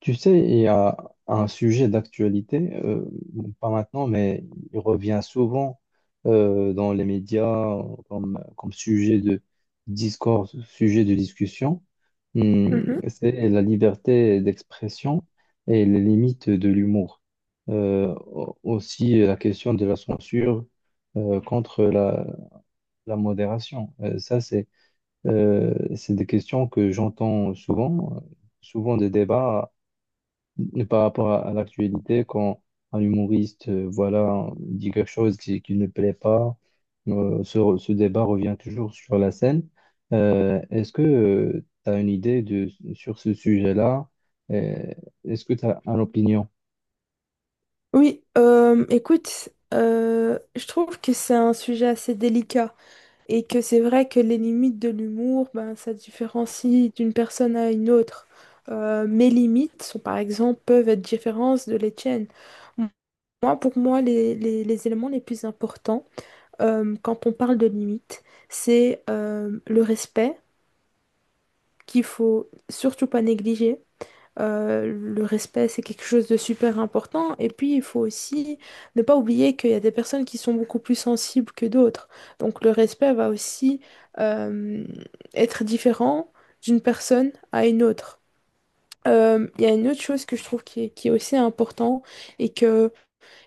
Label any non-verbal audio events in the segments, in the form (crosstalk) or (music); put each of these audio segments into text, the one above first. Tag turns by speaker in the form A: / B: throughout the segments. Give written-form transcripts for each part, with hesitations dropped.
A: Tu sais, il y a un sujet d'actualité, bon, pas maintenant, mais il revient souvent dans les médias comme sujet de discours, sujet de discussion. Hmm,
B: Mhm.
A: c'est la liberté d'expression et les limites de l'humour. Aussi la question de la censure contre la modération. Ça, c'est des questions que j'entends souvent, souvent des débats et par rapport à l'actualité, quand un humoriste voilà, dit quelque chose qui ne plaît pas, ce débat revient toujours sur la scène. Est-ce que tu as une idée sur ce sujet-là? Euh, est-ce que tu as une opinion?
B: Oui, écoute, je trouve que c'est un sujet assez délicat et que c'est vrai que les limites de l'humour, ben, ça différencie d'une personne à une autre. Mes limites sont, par exemple, peuvent être différentes de les tiennes. Moi, pour moi, les éléments les plus importants quand on parle de limites, c'est le respect qu'il faut surtout pas négliger. Le respect, c'est quelque chose de super important. Et puis, il faut aussi ne pas oublier qu'il y a des personnes qui sont beaucoup plus sensibles que d'autres. Donc, le respect va aussi euh, être différent d'une personne à une autre. Il y a une autre chose que je trouve qui est aussi important et que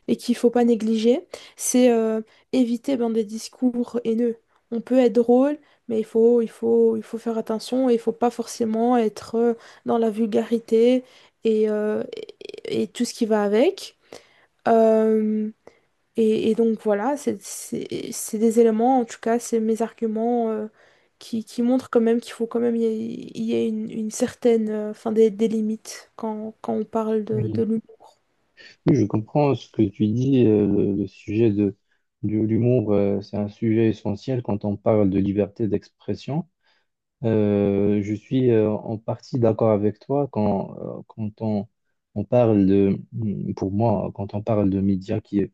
B: et qu'il faut pas négliger, c'est éviter ben, des discours haineux. On peut être drôle, mais il faut faire attention et il faut pas forcément être dans la vulgarité et, euh, et tout ce qui va avec. Euh, et donc voilà, c'est des éléments, en tout cas, c'est mes arguments qui montrent quand même qu'il faut quand même y ait une certaine, enfin des limites quand on parle
A: Oui.
B: de l'humour.
A: Oui, je comprends ce que tu dis. Le sujet de l'humour, c'est un sujet essentiel quand on parle de liberté d'expression. Je suis en partie d'accord avec toi quand, quand on parle de, pour moi, quand on parle de médias qui,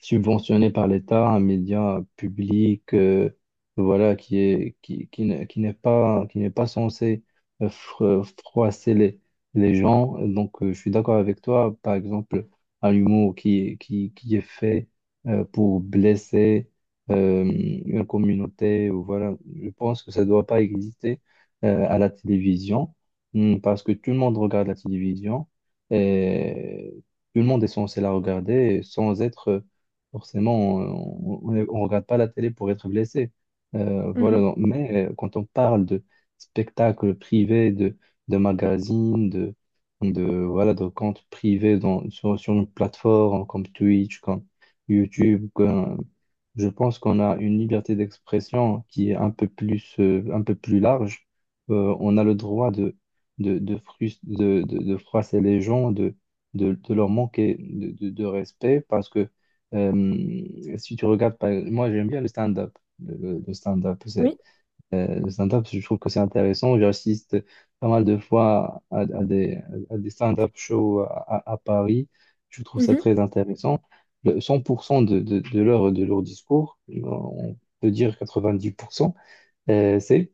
A: subventionné par l'État, un média public, voilà, qui est, qui n'est pas censé froisser les gens. Donc, je suis d'accord avec toi. Par exemple, un humour qui est fait pour blesser une communauté, ou voilà, je pense que ça ne doit pas exister à la télévision, hmm, parce que tout le monde regarde la télévision et tout le monde est censé la regarder sans être forcément, on ne regarde pas la télé pour être blessé.
B: Mhm.
A: Mais quand on parle de spectacles privés, de magazines, voilà, de comptes privés sur une plateforme comme Twitch, comme YouTube, je pense qu'on a une liberté d'expression qui est un peu plus large. On a le droit de froisser les gens, de leur manquer de, de respect parce que si tu regardes, par- moi j'aime bien le stand-up. Le stand-up,
B: Oui.
A: le stand-up, je trouve que c'est intéressant. J'assiste pas mal de fois à des stand-up shows à Paris. Je trouve ça
B: Mhm.
A: très intéressant. Le 100% de leur discours, on peut dire 90%, euh, c'est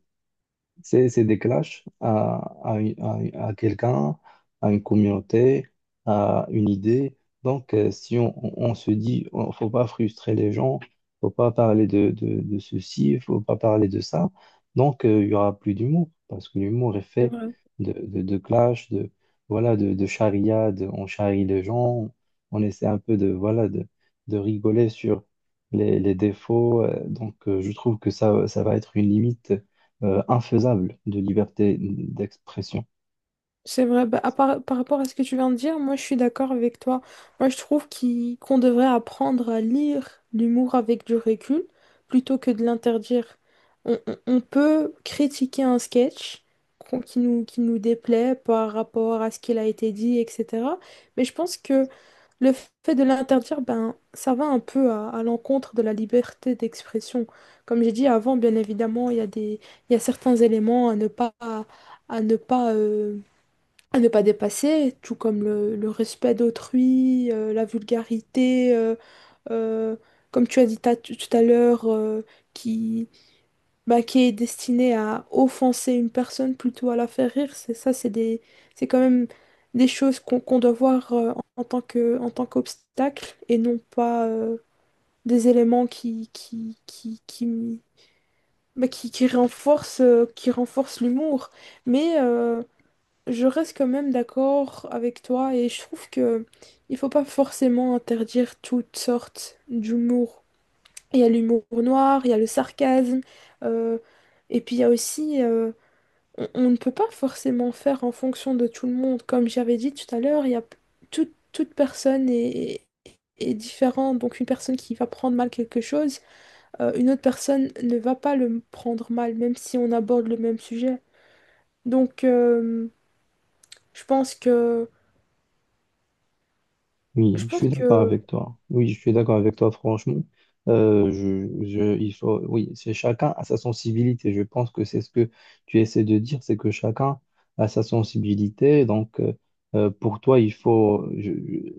A: c'est des clashs à quelqu'un, à une communauté, à une idée. Donc, si on, on se dit, ne faut pas frustrer les gens, faut pas parler de ceci, faut pas parler de ça, donc il y aura plus d'humour, parce que l'humour est
B: C'est
A: fait
B: vrai.
A: de clash, voilà, de charriade, on charrie les gens, on essaie un peu de, voilà, de rigoler sur les défauts. Donc, je trouve que ça va être une limite infaisable de liberté d'expression.
B: C'est vrai, bah, par rapport à ce que tu viens de dire, moi je suis d'accord avec toi. Moi je trouve qu'on devrait apprendre à lire l'humour avec du recul plutôt que de l'interdire. On peut critiquer un sketch qui nous déplaît par rapport à ce qu'il a été dit, etc. Mais je pense que le fait de l'interdire, ben, ça va un peu à l'encontre de la liberté d'expression. Comme j'ai dit avant, bien évidemment, il y a certains éléments à ne pas, à ne pas euh, à ne pas dépasser, tout comme le respect d'autrui, la vulgarité, euh, comme tu as dit tout à l'heure, qui, bah, qui est destiné à offenser une personne plutôt à la faire rire, c'est ça, c'est quand même des choses qu'on doit voir en, en tant que, en tant qu'obstacle et non pas des éléments qui, bah, qui renforcent l'humour. Mais je reste quand même d'accord avec toi et je trouve que il faut pas forcément interdire toutes sortes d'humour. Il y a l'humour noir, il y a le sarcasme, euh, et puis il y a aussi on ne peut pas forcément faire en fonction de tout le monde. Comme j'avais dit tout à l'heure, il y a toute personne est, est différente. Donc une personne qui va prendre mal quelque chose, une autre personne ne va pas le prendre mal, même si on aborde le même sujet. Donc je pense que Je
A: Oui, je
B: pense
A: suis d'accord
B: que
A: avec toi. Oui, je suis d'accord avec toi, franchement. Il faut, oui, c'est chacun a sa sensibilité. Je pense que c'est ce que tu essaies de dire, c'est que chacun a sa sensibilité. Pour toi, il faut,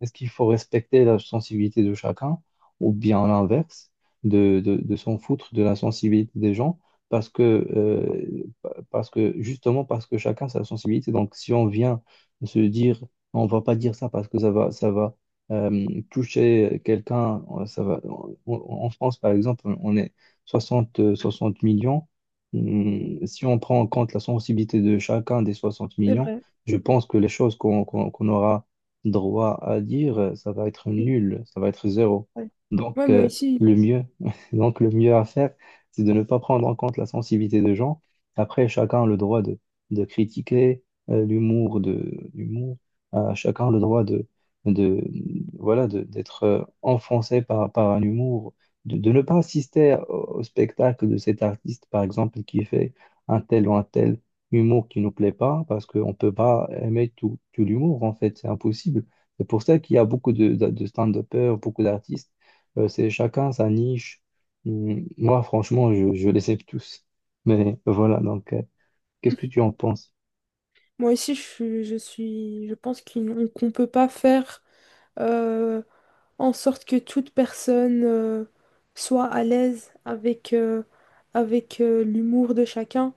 A: est-ce qu'il faut respecter la sensibilité de chacun ou bien l'inverse, de s'en foutre de la sensibilité des gens parce que, euh, parce que, justement, parce que chacun a sa sensibilité. Donc, si on vient se dire on va pas dire ça parce que ça va toucher quelqu'un. Ça va. En France, par exemple, on est 60 millions. Si on prend en compte la sensibilité de chacun des 60
B: c'est
A: millions,
B: vrai.
A: je pense que les choses qu'on aura droit à dire, ça va être
B: Oui,
A: nul, ça va être zéro.
B: ouais. Ouais,
A: Donc, le mieux, (laughs) donc le mieux à faire, c'est de ne pas prendre en compte la sensibilité des gens. Après, chacun a le droit de critiquer l'humour chacun a le droit de voilà, d'être enfoncé par, par un humour, de ne pas assister au, au spectacle de cet artiste, par exemple, qui fait un tel ou un tel humour qui nous plaît pas, parce qu'on ne peut pas aimer tout, tout l'humour, en fait, c'est impossible. C'est pour ça qu'il y a beaucoup de stand-uppers, beaucoup d'artistes. C'est chacun sa niche. Moi, franchement, je les aime tous. Mais voilà, donc, qu'est-ce que tu en penses?
B: moi ici, je pense qu'on peut pas faire euh, en sorte que toute personne soit à l'aise avec l'humour de chacun.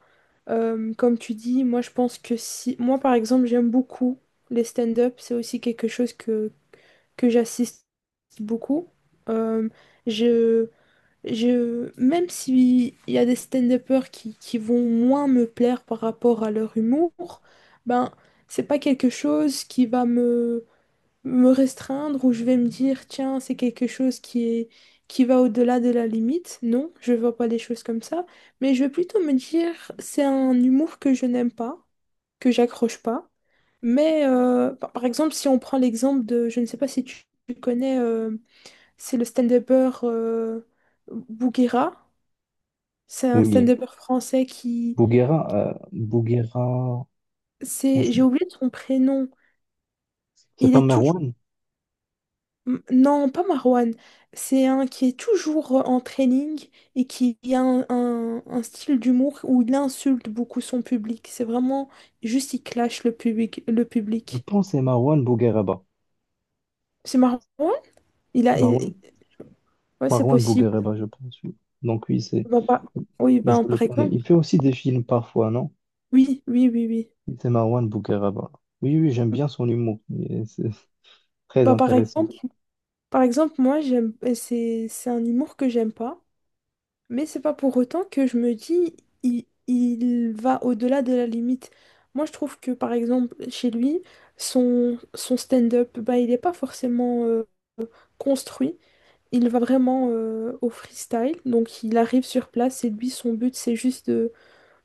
B: Comme tu dis, moi je pense que si, moi par exemple, j'aime beaucoup les stand-up. C'est aussi quelque chose que j'assiste beaucoup. Euh, je Je, même s'il y a des stand-uppers qui vont moins me plaire par rapport à leur humour, ben, c'est pas quelque chose qui va me restreindre ou je vais me dire, tiens, c'est quelque chose qui va au-delà de la limite. Non, je vois pas des choses comme ça. Mais je vais plutôt me dire, c'est un humour que je n'aime pas, que j'accroche pas. Mais par exemple, si on prend l'exemple de, je ne sais pas si tu connais c'est le stand-upper Bouguera. C'est un
A: Oui,
B: stand-upper français qui...
A: Bouguera, Bouguera,
B: C'est...
A: franchement.
B: J'ai oublié son prénom.
A: C'est
B: Il
A: pas
B: est toujours...
A: Marwan?
B: Non, pas Marwan. C'est un qui est toujours en training et qui a un style d'humour où il insulte beaucoup son public. C'est vraiment... Juste, il clash le public. Le
A: Je
B: public.
A: pense que c'est Marwan Bougueraba.
B: C'est Marwan? Il a... il-
A: Marwan,
B: Ouais, c'est
A: Marwan
B: possible.
A: Bougueraba, je pense. Oui. Donc oui, c'est,
B: Bah, pas- Oui,
A: je
B: ben,
A: le
B: par
A: connais.
B: exemple.
A: Il fait aussi des films parfois, non?
B: Oui, oui, oui, oui.
A: C'est Marwan Bougueraba. Oui, oui, j'aime bien son humour. Et c'est très
B: Bah, par
A: intéressant.
B: exemple... Par exemple, moi, c'est un humour que j'aime pas, mais c'est pas pour autant que je me dis il va au-delà de la limite. Moi, je trouve que, par exemple, chez lui, son stand-up, bah, il n'est pas forcément construit. Il va vraiment au freestyle. Donc, il arrive sur place et lui, son but, c'est juste de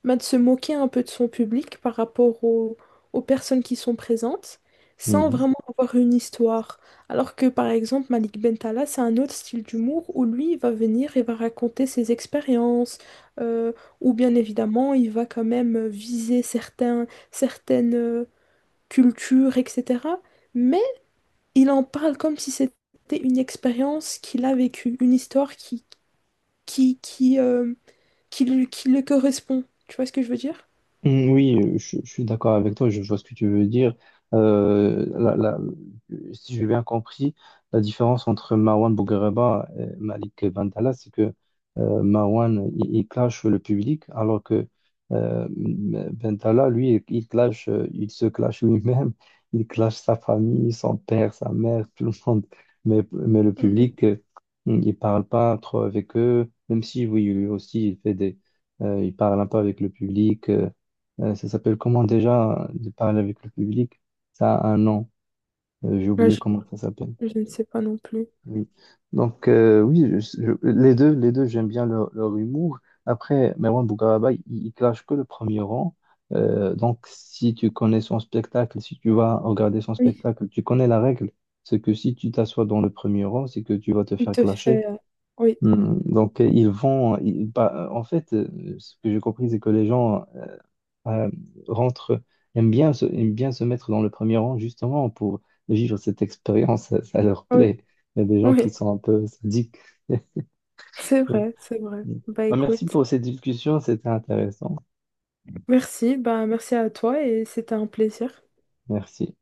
B: bah, de se moquer un peu de son public par rapport aux personnes qui sont présentes, sans vraiment avoir une histoire. Alors que par exemple, Malik Bentala, c'est un autre style d'humour où lui, il va venir et va raconter ses expériences, euh, ou bien évidemment, il va quand même viser certaines cultures, etc. Mais il en parle comme si c'était une expérience qu'il a vécue, une histoire qui, qui, euh, qui qui le correspond. Tu vois ce que je veux dire?
A: Mm, oui, je suis d'accord avec toi, je vois ce que tu veux dire. Euh, la- la- Si j'ai bien compris, la différence entre Marwan Bouguereba et Malik Bentala, c'est que Marwan, il clash le public, alors que Bentala, lui, il clash, il se clash lui-même, il clash sa famille, son père, sa mère, (laughs) tout le monde. Mais le public, il parle pas trop avec eux, même si, oui, lui aussi, il fait des... il parle un peu avec le public. Ça s'appelle comment déjà de parler avec le public? Ça a un nom. J'ai
B: Moi,
A: oublié comment ça s'appelle.
B: je ne sais pas non plus.
A: Oui. Oui, les deux, j'aime bien leur humour. Après, Merwan Bougaraba, il clash que le premier rang. Donc si tu connais son spectacle, si tu vas regarder son
B: Oui.
A: spectacle, tu connais la règle. C'est que si tu t'assois dans le premier rang, c'est que tu vas te
B: Tu
A: faire
B: te
A: clasher.
B: fais... Oui,
A: Hmm, bah, en fait, ce que j'ai compris, c'est que les gens euh, rentrent, aiment bien se mettre dans le premier rang, justement, pour vivre cette expérience. Ça leur
B: oui,
A: plaît. Il y a des gens qui
B: oui.
A: sont un peu sadiques. (laughs)
B: C'est
A: Ouais.
B: vrai, c'est vrai. Bah
A: Bah, merci
B: écoute,
A: pour cette discussion, c'était intéressant.
B: merci, bah merci à toi et c'était un plaisir.
A: Merci.